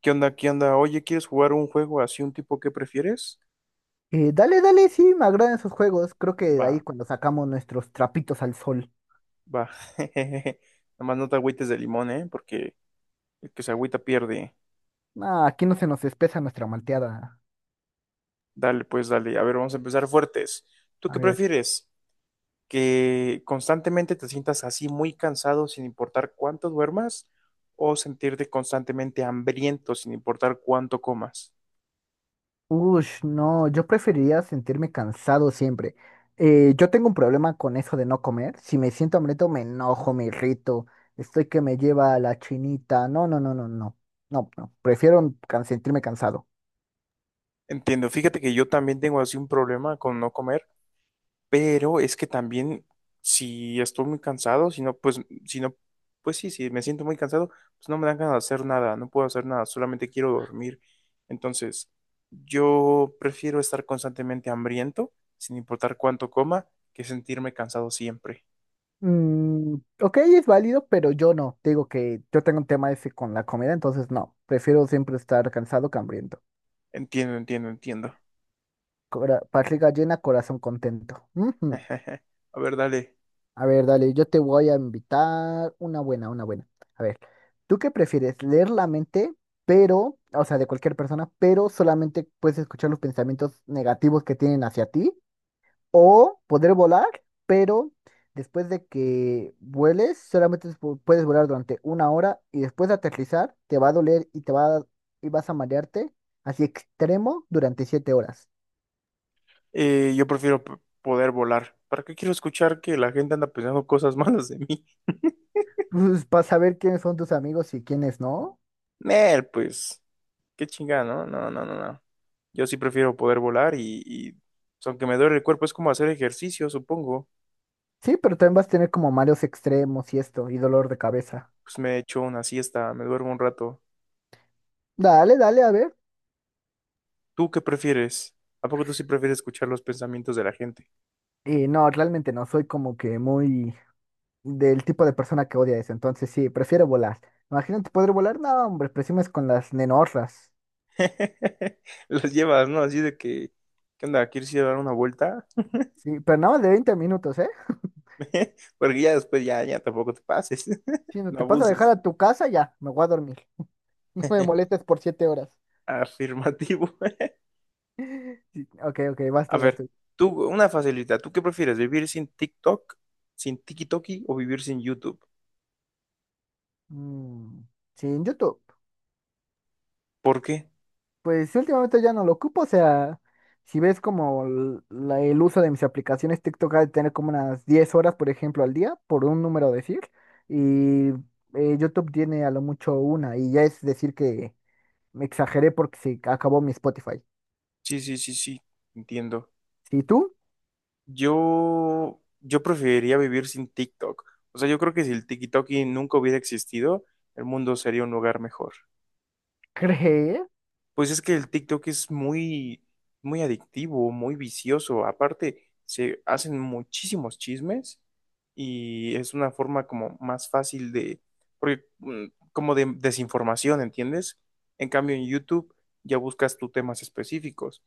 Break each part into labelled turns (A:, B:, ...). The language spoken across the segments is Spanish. A: ¿Qué onda? ¿Qué onda? Oye, ¿quieres jugar un juego así, un tipo que prefieres?
B: Dale, dale, sí, me agradan esos juegos. Creo que de ahí
A: Va,
B: cuando sacamos nuestros trapitos al sol.
A: va. Nada más no te agüites de limón, ¿eh? Porque el que se agüita pierde.
B: Ah, aquí no se nos espesa nuestra malteada.
A: Dale, pues dale. A ver, vamos a empezar fuertes. ¿Tú
B: A
A: qué
B: ver.
A: prefieres? ¿Que constantemente te sientas así muy cansado sin importar cuánto duermas? ¿O sentirte constantemente hambriento sin importar cuánto comas?
B: Ush, no, yo preferiría sentirme cansado siempre. Yo tengo un problema con eso de no comer. Si me siento hambriento, me enojo, me irrito. Estoy que me lleva a la chinita. No, no, no, no, no. No, no. Prefiero sentirme cansado.
A: Entiendo. Fíjate que yo también tengo así un problema con no comer. Pero es que también, si estoy muy cansado, si no, pues, si no, pues sí, si me siento muy cansado, pues no me dan ganas de hacer nada, no puedo hacer nada, solamente quiero dormir. Entonces, yo prefiero estar constantemente hambriento, sin importar cuánto coma, que sentirme cansado siempre.
B: Mm, ok, es válido, pero yo no. Te digo que yo tengo un tema ese con la comida, entonces no. Prefiero siempre estar cansado que hambriento.
A: Entiendo, entiendo, entiendo.
B: Barriga llena, corazón contento. Ujú.
A: A ver, dale.
B: A ver, dale, yo te voy a invitar una buena, una buena. A ver, ¿tú qué prefieres? Leer la mente, pero, o sea, de cualquier persona, pero solamente puedes escuchar los pensamientos negativos que tienen hacia ti. O poder volar, pero después de que vueles, solamente puedes volar durante una hora y después de aterrizar, te va a doler y vas a marearte así extremo durante 7 horas.
A: Yo prefiero poder volar. ¿Para qué quiero escuchar que la gente anda pensando cosas malas de mí?
B: Pues para saber quiénes son tus amigos y quiénes no.
A: Nel, pues. Qué chingada, ¿no? No, no, no, no. Yo sí prefiero poder volar pues, aunque me duele el cuerpo, es como hacer ejercicio, supongo.
B: Sí, pero también vas a tener como mareos extremos y esto, y dolor de cabeza.
A: Pues me echo una siesta, me duermo un rato.
B: Dale, dale, a ver.
A: ¿Tú qué prefieres? ¿A poco tú sí prefieres escuchar los pensamientos de la gente?
B: Y no, realmente no, soy como que muy del tipo de persona que odia eso, entonces sí, prefiero volar. Imagínate poder volar, no, hombre, presumes con las nenorras.
A: Los llevas, ¿no? Así de que, ¿qué onda? ¿Quieres ir a dar una vuelta?
B: Sí, pero nada más de 20 minutos, ¿eh?
A: Porque ya después ya, ya tampoco te pases.
B: Si no
A: No
B: te paso a dejar
A: abuses.
B: a tu casa, ya, me voy a dormir. No me molestes por 7 horas.
A: Afirmativo.
B: Sí, ok, ok, vas
A: A
B: tú, vas
A: ver,
B: tú.
A: tú, una facilidad. ¿Tú qué prefieres? ¿Vivir sin TikTok, sin TikTok o vivir sin YouTube?
B: Mm, sí, en YouTube.
A: ¿Por qué?
B: Pues sí, últimamente ya no lo ocupo, o sea, si ves como el uso de mis aplicaciones, TikTok ha de tener como unas 10 horas, por ejemplo, al día, por un número decir, y YouTube tiene a lo mucho una, y ya es decir que me exageré porque se acabó mi Spotify.
A: Sí, sí, sí, sí, entiendo.
B: Si tú
A: Yo preferiría vivir sin TikTok. O sea, yo creo que si el TikTok y nunca hubiera existido, el mundo sería un lugar mejor.
B: crees,
A: Pues es que el TikTok es muy adictivo, muy vicioso. Aparte, se hacen muchísimos chismes y es una forma como más fácil de, porque, como de desinformación, ¿entiendes? En cambio, en YouTube ya buscas tus temas específicos.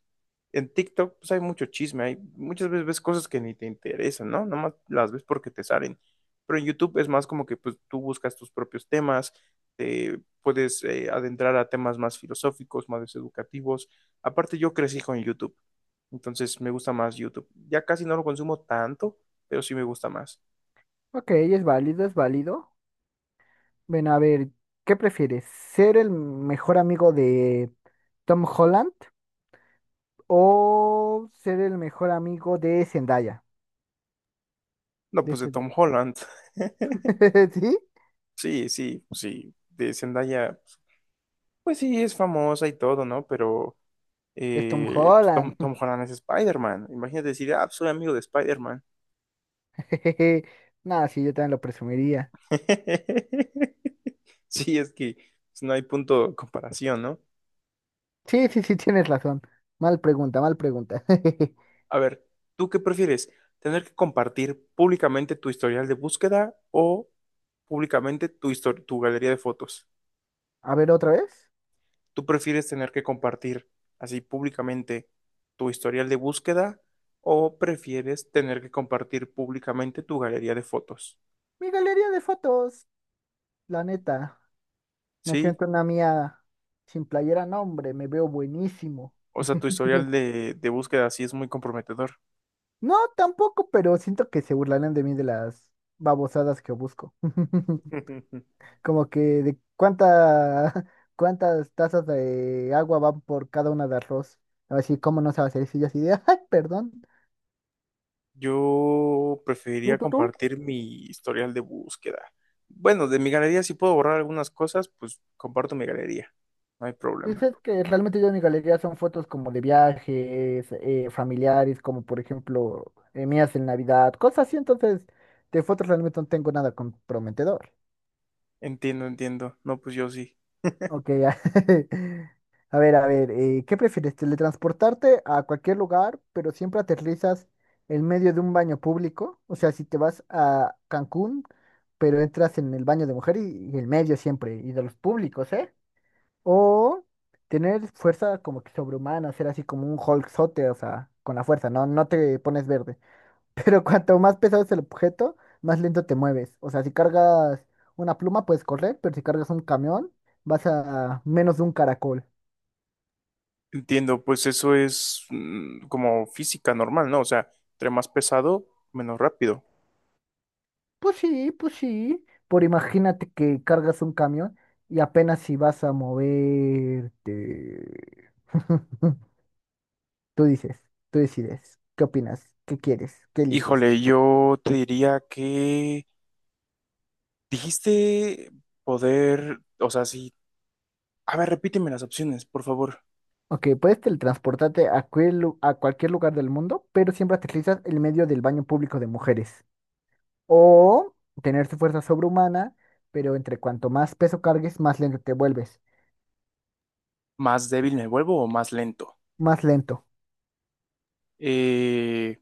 A: En TikTok pues hay mucho chisme, hay muchas veces ves cosas que ni te interesan, ¿no? Nomás las ves porque te salen. Pero en YouTube es más como que pues tú buscas tus propios temas, te puedes adentrar a temas más filosóficos, más educativos. Aparte yo crecí con YouTube, entonces me gusta más YouTube. Ya casi no lo consumo tanto, pero sí me gusta más.
B: ok, es válido, es válido. Ven a ver, ¿qué prefieres? ¿Ser el mejor amigo de Tom Holland o ser el mejor amigo de Zendaya?
A: No,
B: De
A: pues de
B: este...
A: Tom Holland.
B: ¿Sí?
A: Sí, sí, pues, sí. De Zendaya, pues sí, es famosa y todo, ¿no? Pero
B: Es Tom
A: pues,
B: Holland.
A: Tom Holland es Spider-Man. Imagínate decir, ah, pues, soy amigo de Spider-Man.
B: Jejeje. No, sí, yo también lo presumiría.
A: Sí, es que pues, no hay punto de comparación, ¿no?
B: Sí, sí, sí, tienes razón. Mal pregunta, mal pregunta.
A: A ver, ¿tú qué prefieres? ¿Tener que compartir públicamente tu historial de búsqueda o públicamente tu, tu galería de fotos?
B: A ver, otra vez.
A: ¿Tú prefieres tener que compartir así públicamente tu historial de búsqueda o prefieres tener que compartir públicamente tu galería de fotos?
B: Mi galería de fotos, la neta. Me
A: Sí.
B: siento una mía sin playera, no, hombre, me veo buenísimo.
A: O sea, tu historial de búsqueda así es muy comprometedor.
B: No, tampoco, pero siento que se burlarán de mí de las babosadas que busco. Como que de cuántas tazas de agua van por cada una de arroz. A ver si, ¿cómo no se va a hacer eso? Y yo así de, ay, perdón.
A: Yo
B: ¿Tú,
A: preferiría
B: tú, tú?
A: compartir mi historial de búsqueda. Bueno, de mi galería, si puedo borrar algunas cosas, pues comparto mi galería. No hay problema.
B: Dices que realmente yo en mi galería son fotos como de viajes, familiares, como por ejemplo mías en Navidad, cosas así, entonces de fotos realmente no tengo nada comprometedor.
A: Entiendo, entiendo. No, pues yo sí.
B: Ok, ya. A ver, a ver, ¿qué prefieres? ¿Teletransportarte a cualquier lugar, pero siempre aterrizas en medio de un baño público? O sea, si te vas a Cancún, pero entras en el baño de mujer y, en medio siempre, y de los públicos, ¿eh? O tener fuerza como que sobrehumana, ser así como un Hulkzote, o sea, con la fuerza, no, no te pones verde. Pero cuanto más pesado es el objeto, más lento te mueves. O sea, si cargas una pluma puedes correr, pero si cargas un camión, vas a menos de un caracol.
A: Entiendo, pues eso es como física normal, ¿no? O sea, entre más pesado, menos rápido.
B: Pues sí, pues sí. Por imagínate que cargas un camión y apenas si vas a moverte. Tú dices, tú decides, ¿qué opinas? ¿Qué quieres? ¿Qué eliges?
A: Híjole, yo te diría que dijiste poder, o sea, sí. A ver, repíteme las opciones, por favor.
B: Ok, puedes teletransportarte a cualquier lugar del mundo, pero siempre aterrizas en medio del baño público de mujeres. O tener tu fuerza sobrehumana, pero entre cuanto más peso cargues, más lento te vuelves.
A: Más débil me vuelvo o más lento.
B: Más lento.
A: Eh,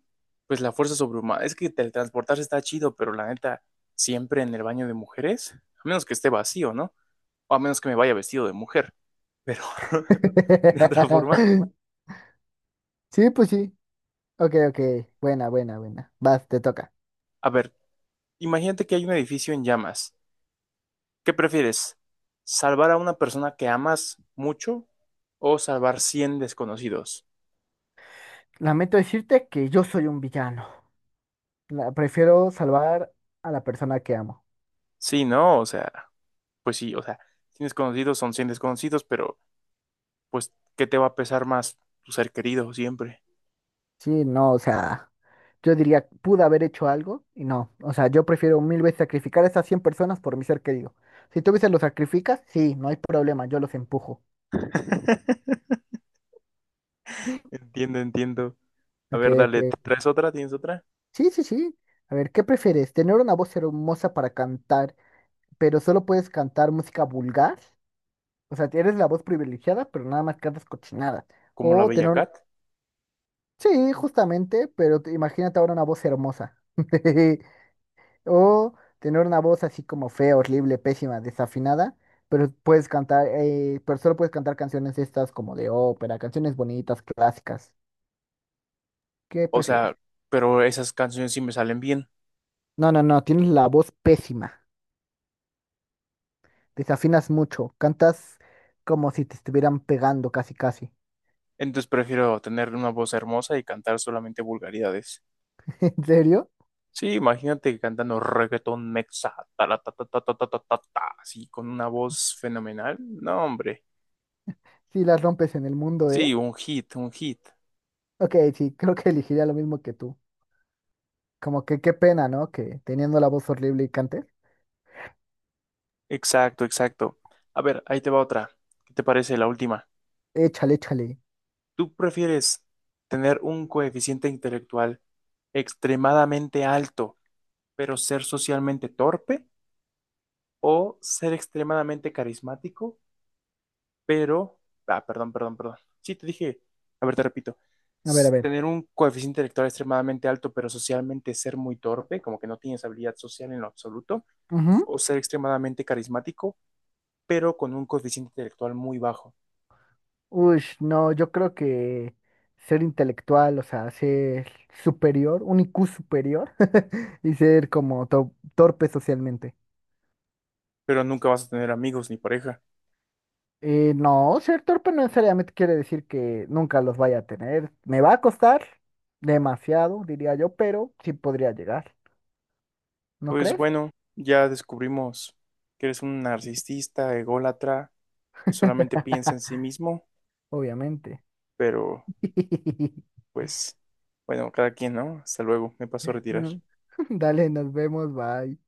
A: pues la fuerza sobrehumana. Es que teletransportarse está chido, pero la neta, siempre en el baño de mujeres, a menos que esté vacío, ¿no? O a menos que me vaya vestido de mujer, pero de otra forma.
B: Sí, pues sí. Ok, ok. Buena, buena, buena. Vas, te toca.
A: A ver, imagínate que hay un edificio en llamas. ¿Qué prefieres? ¿Salvar a una persona que amas mucho o salvar 100 desconocidos?
B: Lamento decirte que yo soy un villano. Prefiero salvar a la persona que amo.
A: Sí, ¿no? O sea, pues sí, o sea, 100 desconocidos son 100 desconocidos, pero pues, ¿qué te va a pesar más? Tu ser querido siempre.
B: Sí, no, o sea. Yo diría, pude haber hecho algo y no. O sea, yo prefiero mil veces sacrificar a esas 100 personas por mi ser querido. Si tú veces los sacrificas, sí, no hay problema, yo los empujo.
A: Entiendo, entiendo. A
B: Ok,
A: ver,
B: ok.
A: dale, ¿te ¿traes otra? ¿Tienes otra?
B: Sí, sí, sí. A ver, ¿qué prefieres? ¿Tener una voz hermosa para cantar, pero solo puedes cantar música vulgar? O sea, eres la voz privilegiada, pero nada más cantas cochinadas.
A: Como la
B: O
A: Bella
B: tener...
A: Cat.
B: Sí, justamente, pero imagínate ahora una voz hermosa. O tener una voz así como fea, horrible, pésima, desafinada, pero puedes cantar, pero solo puedes cantar canciones estas como de ópera, canciones bonitas, clásicas. ¿Qué
A: O
B: prefieres?
A: sea, pero esas canciones sí me salen bien.
B: No, no, no, tienes la voz pésima, desafinas mucho, cantas como si te estuvieran pegando casi, casi.
A: Entonces prefiero tener una voz hermosa y cantar solamente vulgaridades.
B: ¿En serio?
A: Sí, imagínate cantando reggaetón mexa, tala, ta, ta, ta, ta, ta, ta, ta, ta, así con una voz fenomenal. No, hombre.
B: Si las rompes en el mundo, ¿eh?
A: Sí, un hit, un hit.
B: Ok, sí, creo que elegiría lo mismo que tú. Como que qué pena, ¿no? Que teniendo la voz horrible y cantes.
A: Exacto, exacto. A ver, ahí te va otra. ¿Qué te parece la última?
B: Échale, échale.
A: ¿Tú prefieres tener un coeficiente intelectual extremadamente alto, pero ser socialmente torpe? ¿O ser extremadamente carismático, pero... Ah, perdón, perdón, perdón. Sí, te dije, a ver, te repito.
B: A ver, a ver.
A: Tener un coeficiente intelectual extremadamente alto, pero socialmente ser muy torpe, como que no tienes habilidad social en lo absoluto,
B: Ujú.
A: o ser extremadamente carismático, pero con un coeficiente intelectual muy bajo,
B: Uy, no, yo creo que ser intelectual, o sea, ser superior, un IQ superior y ser como torpe socialmente.
A: pero nunca vas a tener amigos ni pareja.
B: No, ser torpe no necesariamente quiere decir que nunca los vaya a tener. Me va a costar demasiado, diría yo, pero sí podría llegar, ¿no
A: Pues
B: crees?
A: bueno, ya descubrimos que eres un narcisista, ególatra, que solamente piensa en sí mismo,
B: Obviamente.
A: pero pues bueno, cada quien, ¿no? Hasta luego, me paso a retirar.
B: Mm. Dale, nos vemos, bye.